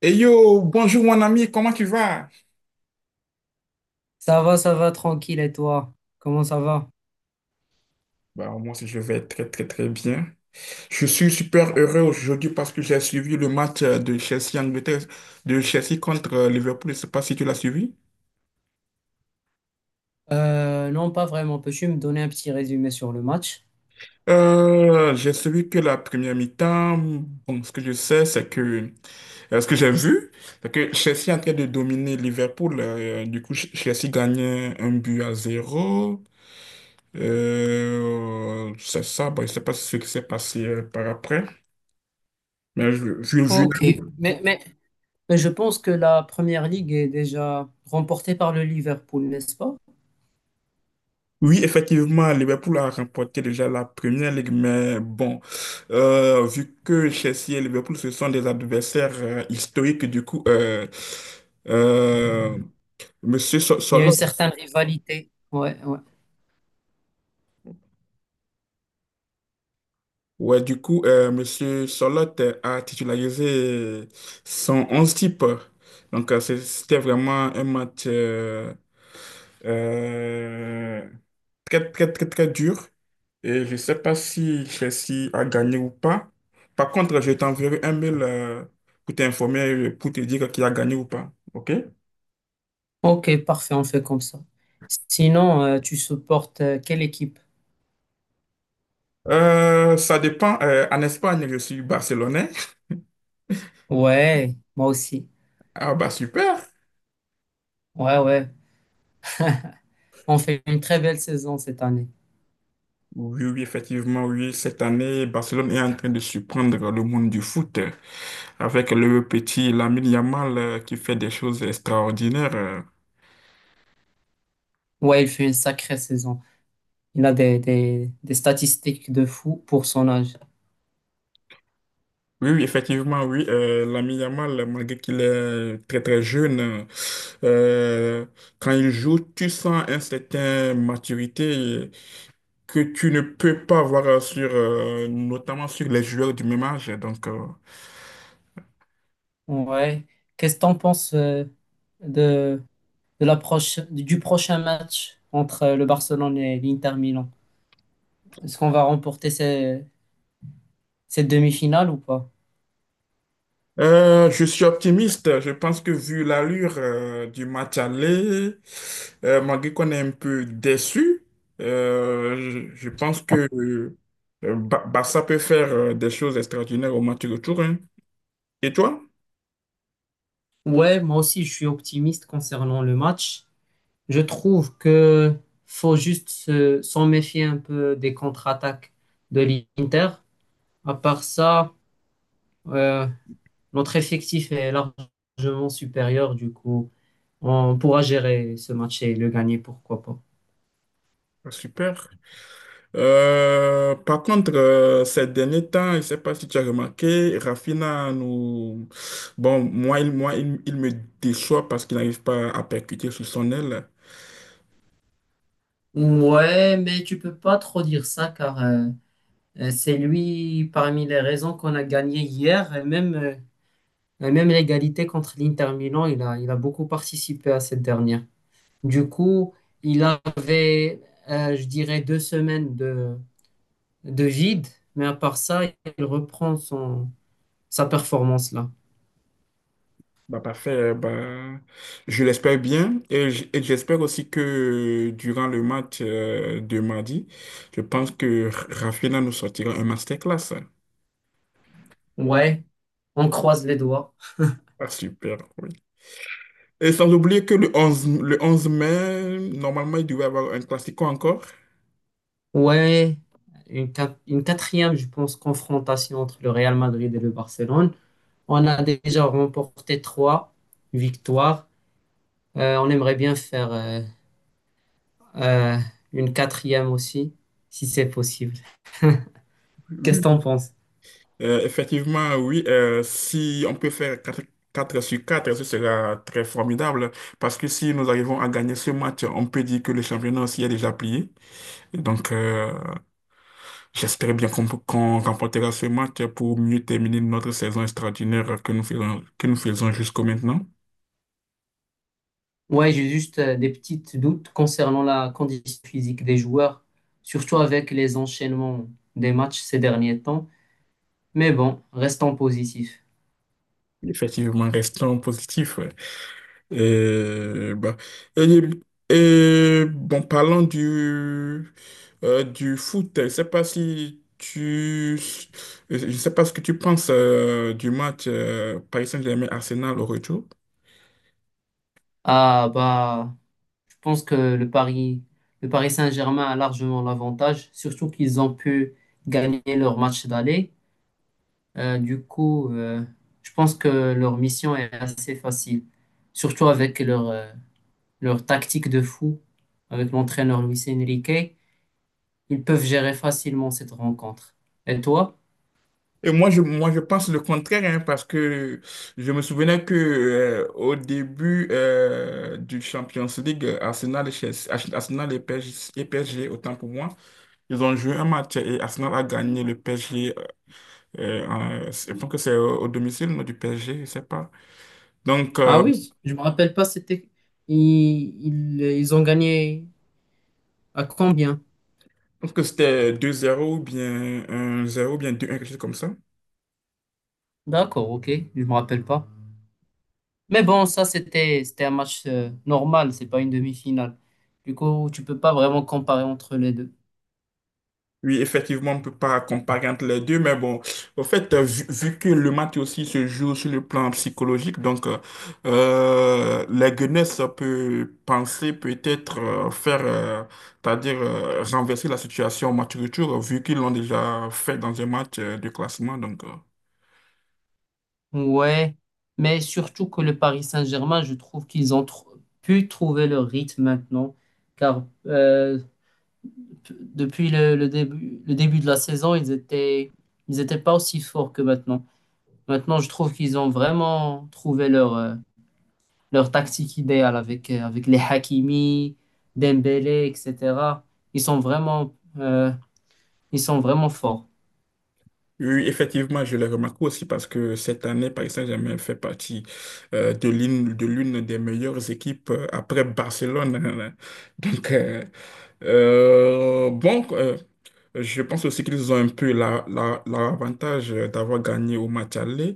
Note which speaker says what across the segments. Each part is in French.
Speaker 1: Hey yo, bonjour mon ami, comment tu vas?
Speaker 2: Ça va, tranquille. Et toi? Comment ça va?
Speaker 1: Bah, moi aussi je vais très très très bien. Je suis super heureux aujourd'hui parce que j'ai suivi le match de Chelsea Angleterre, de Chelsea contre Liverpool. Je ne sais pas si tu l'as suivi.
Speaker 2: Non, pas vraiment. Peux-tu me donner un petit résumé sur le match?
Speaker 1: J'ai suivi que la première mi-temps. Bon, ce que je sais, c'est que ce que j'ai vu, c'est que Chelsea est en train de dominer Liverpool. Du coup, Chelsea gagnait 1-0. C'est ça. Bon, je ne sais pas ce qui s'est passé par après. Mais
Speaker 2: Ok. Mais, mais, mais je pense que la première ligue est déjà remportée par le Liverpool, n'est-ce pas?
Speaker 1: oui, effectivement, Liverpool a remporté déjà la première ligue, mais bon, vu que Chelsea et Liverpool, ce sont des adversaires historiques, du coup, euh, Monsieur
Speaker 2: Il y a une
Speaker 1: Solot,
Speaker 2: certaine rivalité. Ouais, ouais.
Speaker 1: ouais, du coup, Monsieur Solot a titularisé son 11 type. Donc, c'était vraiment un match euh, très, très, très, très dur. Et je ne sais pas si Chelsea a gagné ou pas. Par contre, je t'enverrai un mail pour t'informer, pour te dire qui a gagné ou pas. OK?
Speaker 2: Ok, parfait, on fait comme ça. Sinon, tu supportes quelle équipe?
Speaker 1: Ça dépend. En Espagne, je suis barcelonais.
Speaker 2: Ouais, moi aussi.
Speaker 1: Ah bah super.
Speaker 2: Ouais, ouais. On fait une très belle saison cette année.
Speaker 1: Oui, oui, effectivement, oui. Cette année, Barcelone est en train de surprendre le monde du foot avec le petit Lamine Yamal qui fait des choses extraordinaires.
Speaker 2: Ouais, il fait une sacrée saison. Il a des statistiques de fou pour son âge.
Speaker 1: Oui, oui, effectivement, oui. L'ami Yamal, malgré qu'il est très très jeune, euh, quand il joue, tu sens un certain maturité que tu ne peux pas voir sur, notamment sur les joueurs du même âge. Donc,
Speaker 2: Ouais. Qu'est-ce que t'en penses de, de l'approche du prochain match entre le Barcelone et l'Inter Milan? Est-ce qu'on va remporter cette demi-finale ou pas?
Speaker 1: je suis optimiste. Je pense que vu l'allure, du match aller, malgré qu'on est un peu déçu, je pense que Barça peut faire des choses extraordinaires au match retour. Hein. Et toi?
Speaker 2: Ouais, moi aussi, je suis optimiste concernant le match. Je trouve que faut juste s'en méfier un peu des contre-attaques de l'Inter. À part ça, euh, notre effectif est largement supérieur du coup. On pourra gérer ce match et le gagner, pourquoi pas.
Speaker 1: Ah, super. Par contre, ces derniers temps, je ne sais pas si tu as remarqué, Rafinha nous... Bon, moi, il me déçoit parce qu'il n'arrive pas à percuter sous son aile.
Speaker 2: Ouais, mais tu peux pas trop dire ça car c'est lui parmi les raisons qu'on a gagné hier et même, l'égalité contre l'Inter Milan, il a beaucoup participé à cette dernière. Du coup, il avait, je dirais, 2 semaines de vide, mais à part ça, il reprend sa performance là.
Speaker 1: Bah, parfait. Bah, je l'espère bien. Et et j'espère aussi que durant le match de mardi, je pense que Rafinha nous sortira un masterclass.
Speaker 2: Ouais, on croise les doigts.
Speaker 1: Ah, super, oui. Et sans oublier que le 11 mai, normalement, il devait y avoir un classico encore.
Speaker 2: Ouais, une quatrième, je pense, confrontation entre le Real Madrid et le Barcelone. On a déjà remporté trois victoires. On aimerait bien faire euh, une quatrième aussi, si c'est possible. Qu'est-ce que t'en
Speaker 1: Oui,
Speaker 2: penses?
Speaker 1: Effectivement, oui. Si on peut faire quatre sur 4 ce sera très formidable. Parce que si nous arrivons à gagner ce match, on peut dire que le championnat s'y est déjà plié. Donc, j'espère bien qu'on remportera ce match pour mieux terminer notre saison extraordinaire que nous faisons jusqu'au maintenant.
Speaker 2: Ouais, j'ai juste des petits doutes concernant la condition physique des joueurs, surtout avec les enchaînements des matchs ces derniers temps. Mais bon, restons positifs.
Speaker 1: Effectivement, restons positifs. Et, bah, et, et, bon, parlant du foot, je sais pas si tu, je sais pas ce que tu penses du match Paris Saint-Germain-Arsenal au retour.
Speaker 2: Ah bah, je pense que le Paris Saint-Germain a largement l'avantage, surtout qu'ils ont pu gagner leur match d'aller. Du coup, je pense que leur mission est assez facile, surtout avec leur tactique de fou, avec l'entraîneur Luis Enrique. Ils peuvent gérer facilement cette rencontre. Et toi?
Speaker 1: Et moi, je pense le contraire, hein, parce que je me souvenais que au début du Champions League, Arsenal et PSG, autant pour moi, ils ont joué un match et Arsenal a gagné le PSG. Je pense que c'est au domicile non, du PSG, je sais pas. Donc,
Speaker 2: Ah
Speaker 1: je
Speaker 2: oui, je me rappelle pas, c'était ils ont gagné à combien?
Speaker 1: pense que c'était 2-0 ou bien 1-0 ou bien 2-1 quelque chose comme ça.
Speaker 2: D'accord, ok, je me rappelle pas. Mais bon, ça, c'était un match normal, c'est pas une demi-finale. Du coup, tu peux pas vraiment comparer entre les deux.
Speaker 1: Oui, effectivement, on ne peut pas comparer entre les deux, mais bon, au fait, vu que le match aussi se joue sur le plan psychologique, donc la Guinness peut penser peut-être faire, c'est-à-dire renverser la situation au match retour, vu qu'ils l'ont déjà fait dans un match de classement. Donc,
Speaker 2: Ouais, mais surtout que le Paris Saint-Germain, je trouve qu'ils ont pu trouver leur rythme maintenant, car depuis le début, le début, de la saison, ils étaient pas aussi forts que maintenant. Maintenant, je trouve qu'ils ont vraiment trouvé leur tactique idéale avec les Hakimi, Dembélé, etc. Ils sont vraiment euh, Ils sont vraiment forts.
Speaker 1: oui, effectivement, je l'ai remarqué aussi parce que cette année, Paris Saint-Germain fait partie de l'une des meilleures équipes après Barcelone. Donc, bon, je pense aussi qu'ils ont un peu l'avantage d'avoir gagné au match aller.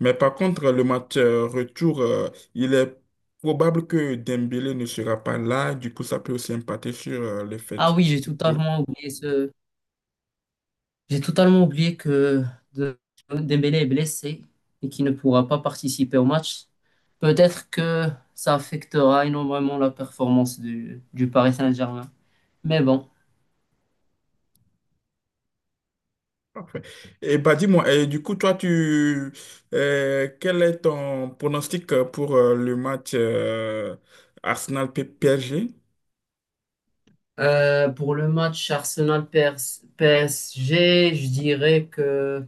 Speaker 1: Mais par contre, le match retour, il est probable que Dembélé ne sera pas là. Du coup, ça peut aussi impacter sur le
Speaker 2: Ah
Speaker 1: fait.
Speaker 2: oui, J'ai totalement oublié que de- Dembélé est blessé et qu'il ne pourra pas participer au match. Peut-être que ça affectera énormément la performance du Paris Saint-Germain. Mais bon.
Speaker 1: Parfait. Et bah dis-moi, et du coup, quel est ton pronostic pour le match arsenal G
Speaker 2: Pour le match Arsenal-PSG, je dirais que,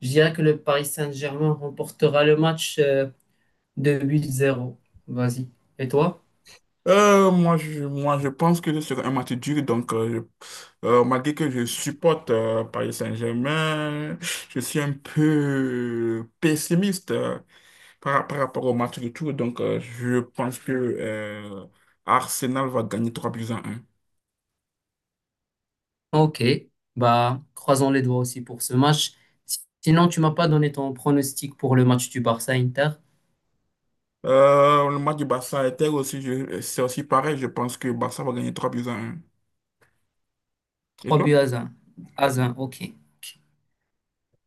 Speaker 2: je dirais que le Paris Saint-Germain remportera le match de 8-0. Vas-y. Et toi?
Speaker 1: Moi, je pense que ce sera un match dur. Donc, malgré que je supporte Paris Saint-Germain, je suis un peu pessimiste par rapport au match du tour. Donc, je pense que Arsenal va gagner 3-1.
Speaker 2: Ok, bah croisons les doigts aussi pour ce match. Sinon, tu m'as pas donné ton pronostic pour le match du Barça-Inter.
Speaker 1: Le match du Barça Inter aussi, c'est aussi pareil. Je pense que Barça va gagner 3-1. Et
Speaker 2: Trois
Speaker 1: toi?
Speaker 2: buts à 1. À 1, ok.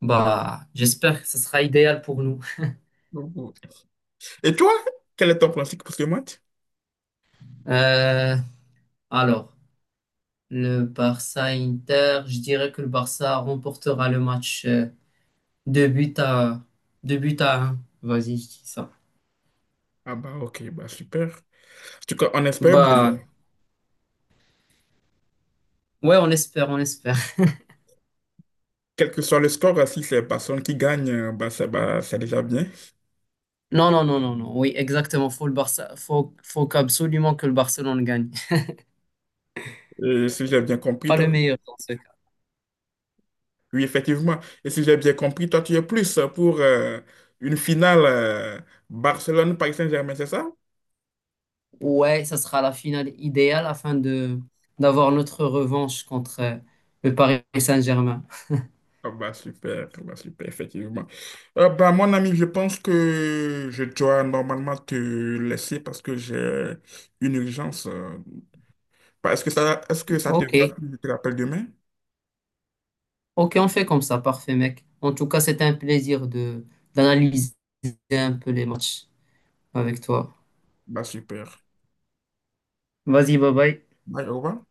Speaker 2: Bah, j'espère que ce sera idéal pour nous.
Speaker 1: Et toi, quel est ton pronostic pour ce match?
Speaker 2: Euh, alors, le Barça-Inter, je dirais que le Barça remportera le match 2 buts à 2 buts à un. Vas-y, je dis ça.
Speaker 1: Ah bah ok, bah super. En tout cas, on espère bien.
Speaker 2: Bah, ouais, on espère, on espère.
Speaker 1: Quel que soit le score, si c'est personne qui gagne, bah, c'est déjà bien.
Speaker 2: Non, non, non, non, non. Oui, exactement. Faut le Barça, faut qu'absolument que le Barcelone gagne.
Speaker 1: Et si j'ai bien compris,
Speaker 2: Pas
Speaker 1: toi,
Speaker 2: le meilleur dans ce cas.
Speaker 1: oui, effectivement. Et si j'ai bien compris, toi, tu es plus pour une finale Barcelone-Paris Saint-Germain, c'est ça?
Speaker 2: Ouais, ça sera la finale idéale afin de d'avoir notre revanche contre le Paris Saint-Germain.
Speaker 1: Ah bah, super, effectivement. Bah, mon ami, je pense que je dois normalement te laisser parce que j'ai une urgence. Bah, est-ce que ça te va si
Speaker 2: Ok,
Speaker 1: je te rappelle demain?
Speaker 2: ok, on fait comme ça, parfait, mec. En tout cas, c'était un plaisir de d'analyser un peu les matchs avec toi.
Speaker 1: Bah, super.
Speaker 2: Vas-y, bye bye.
Speaker 1: Bye, au revoir.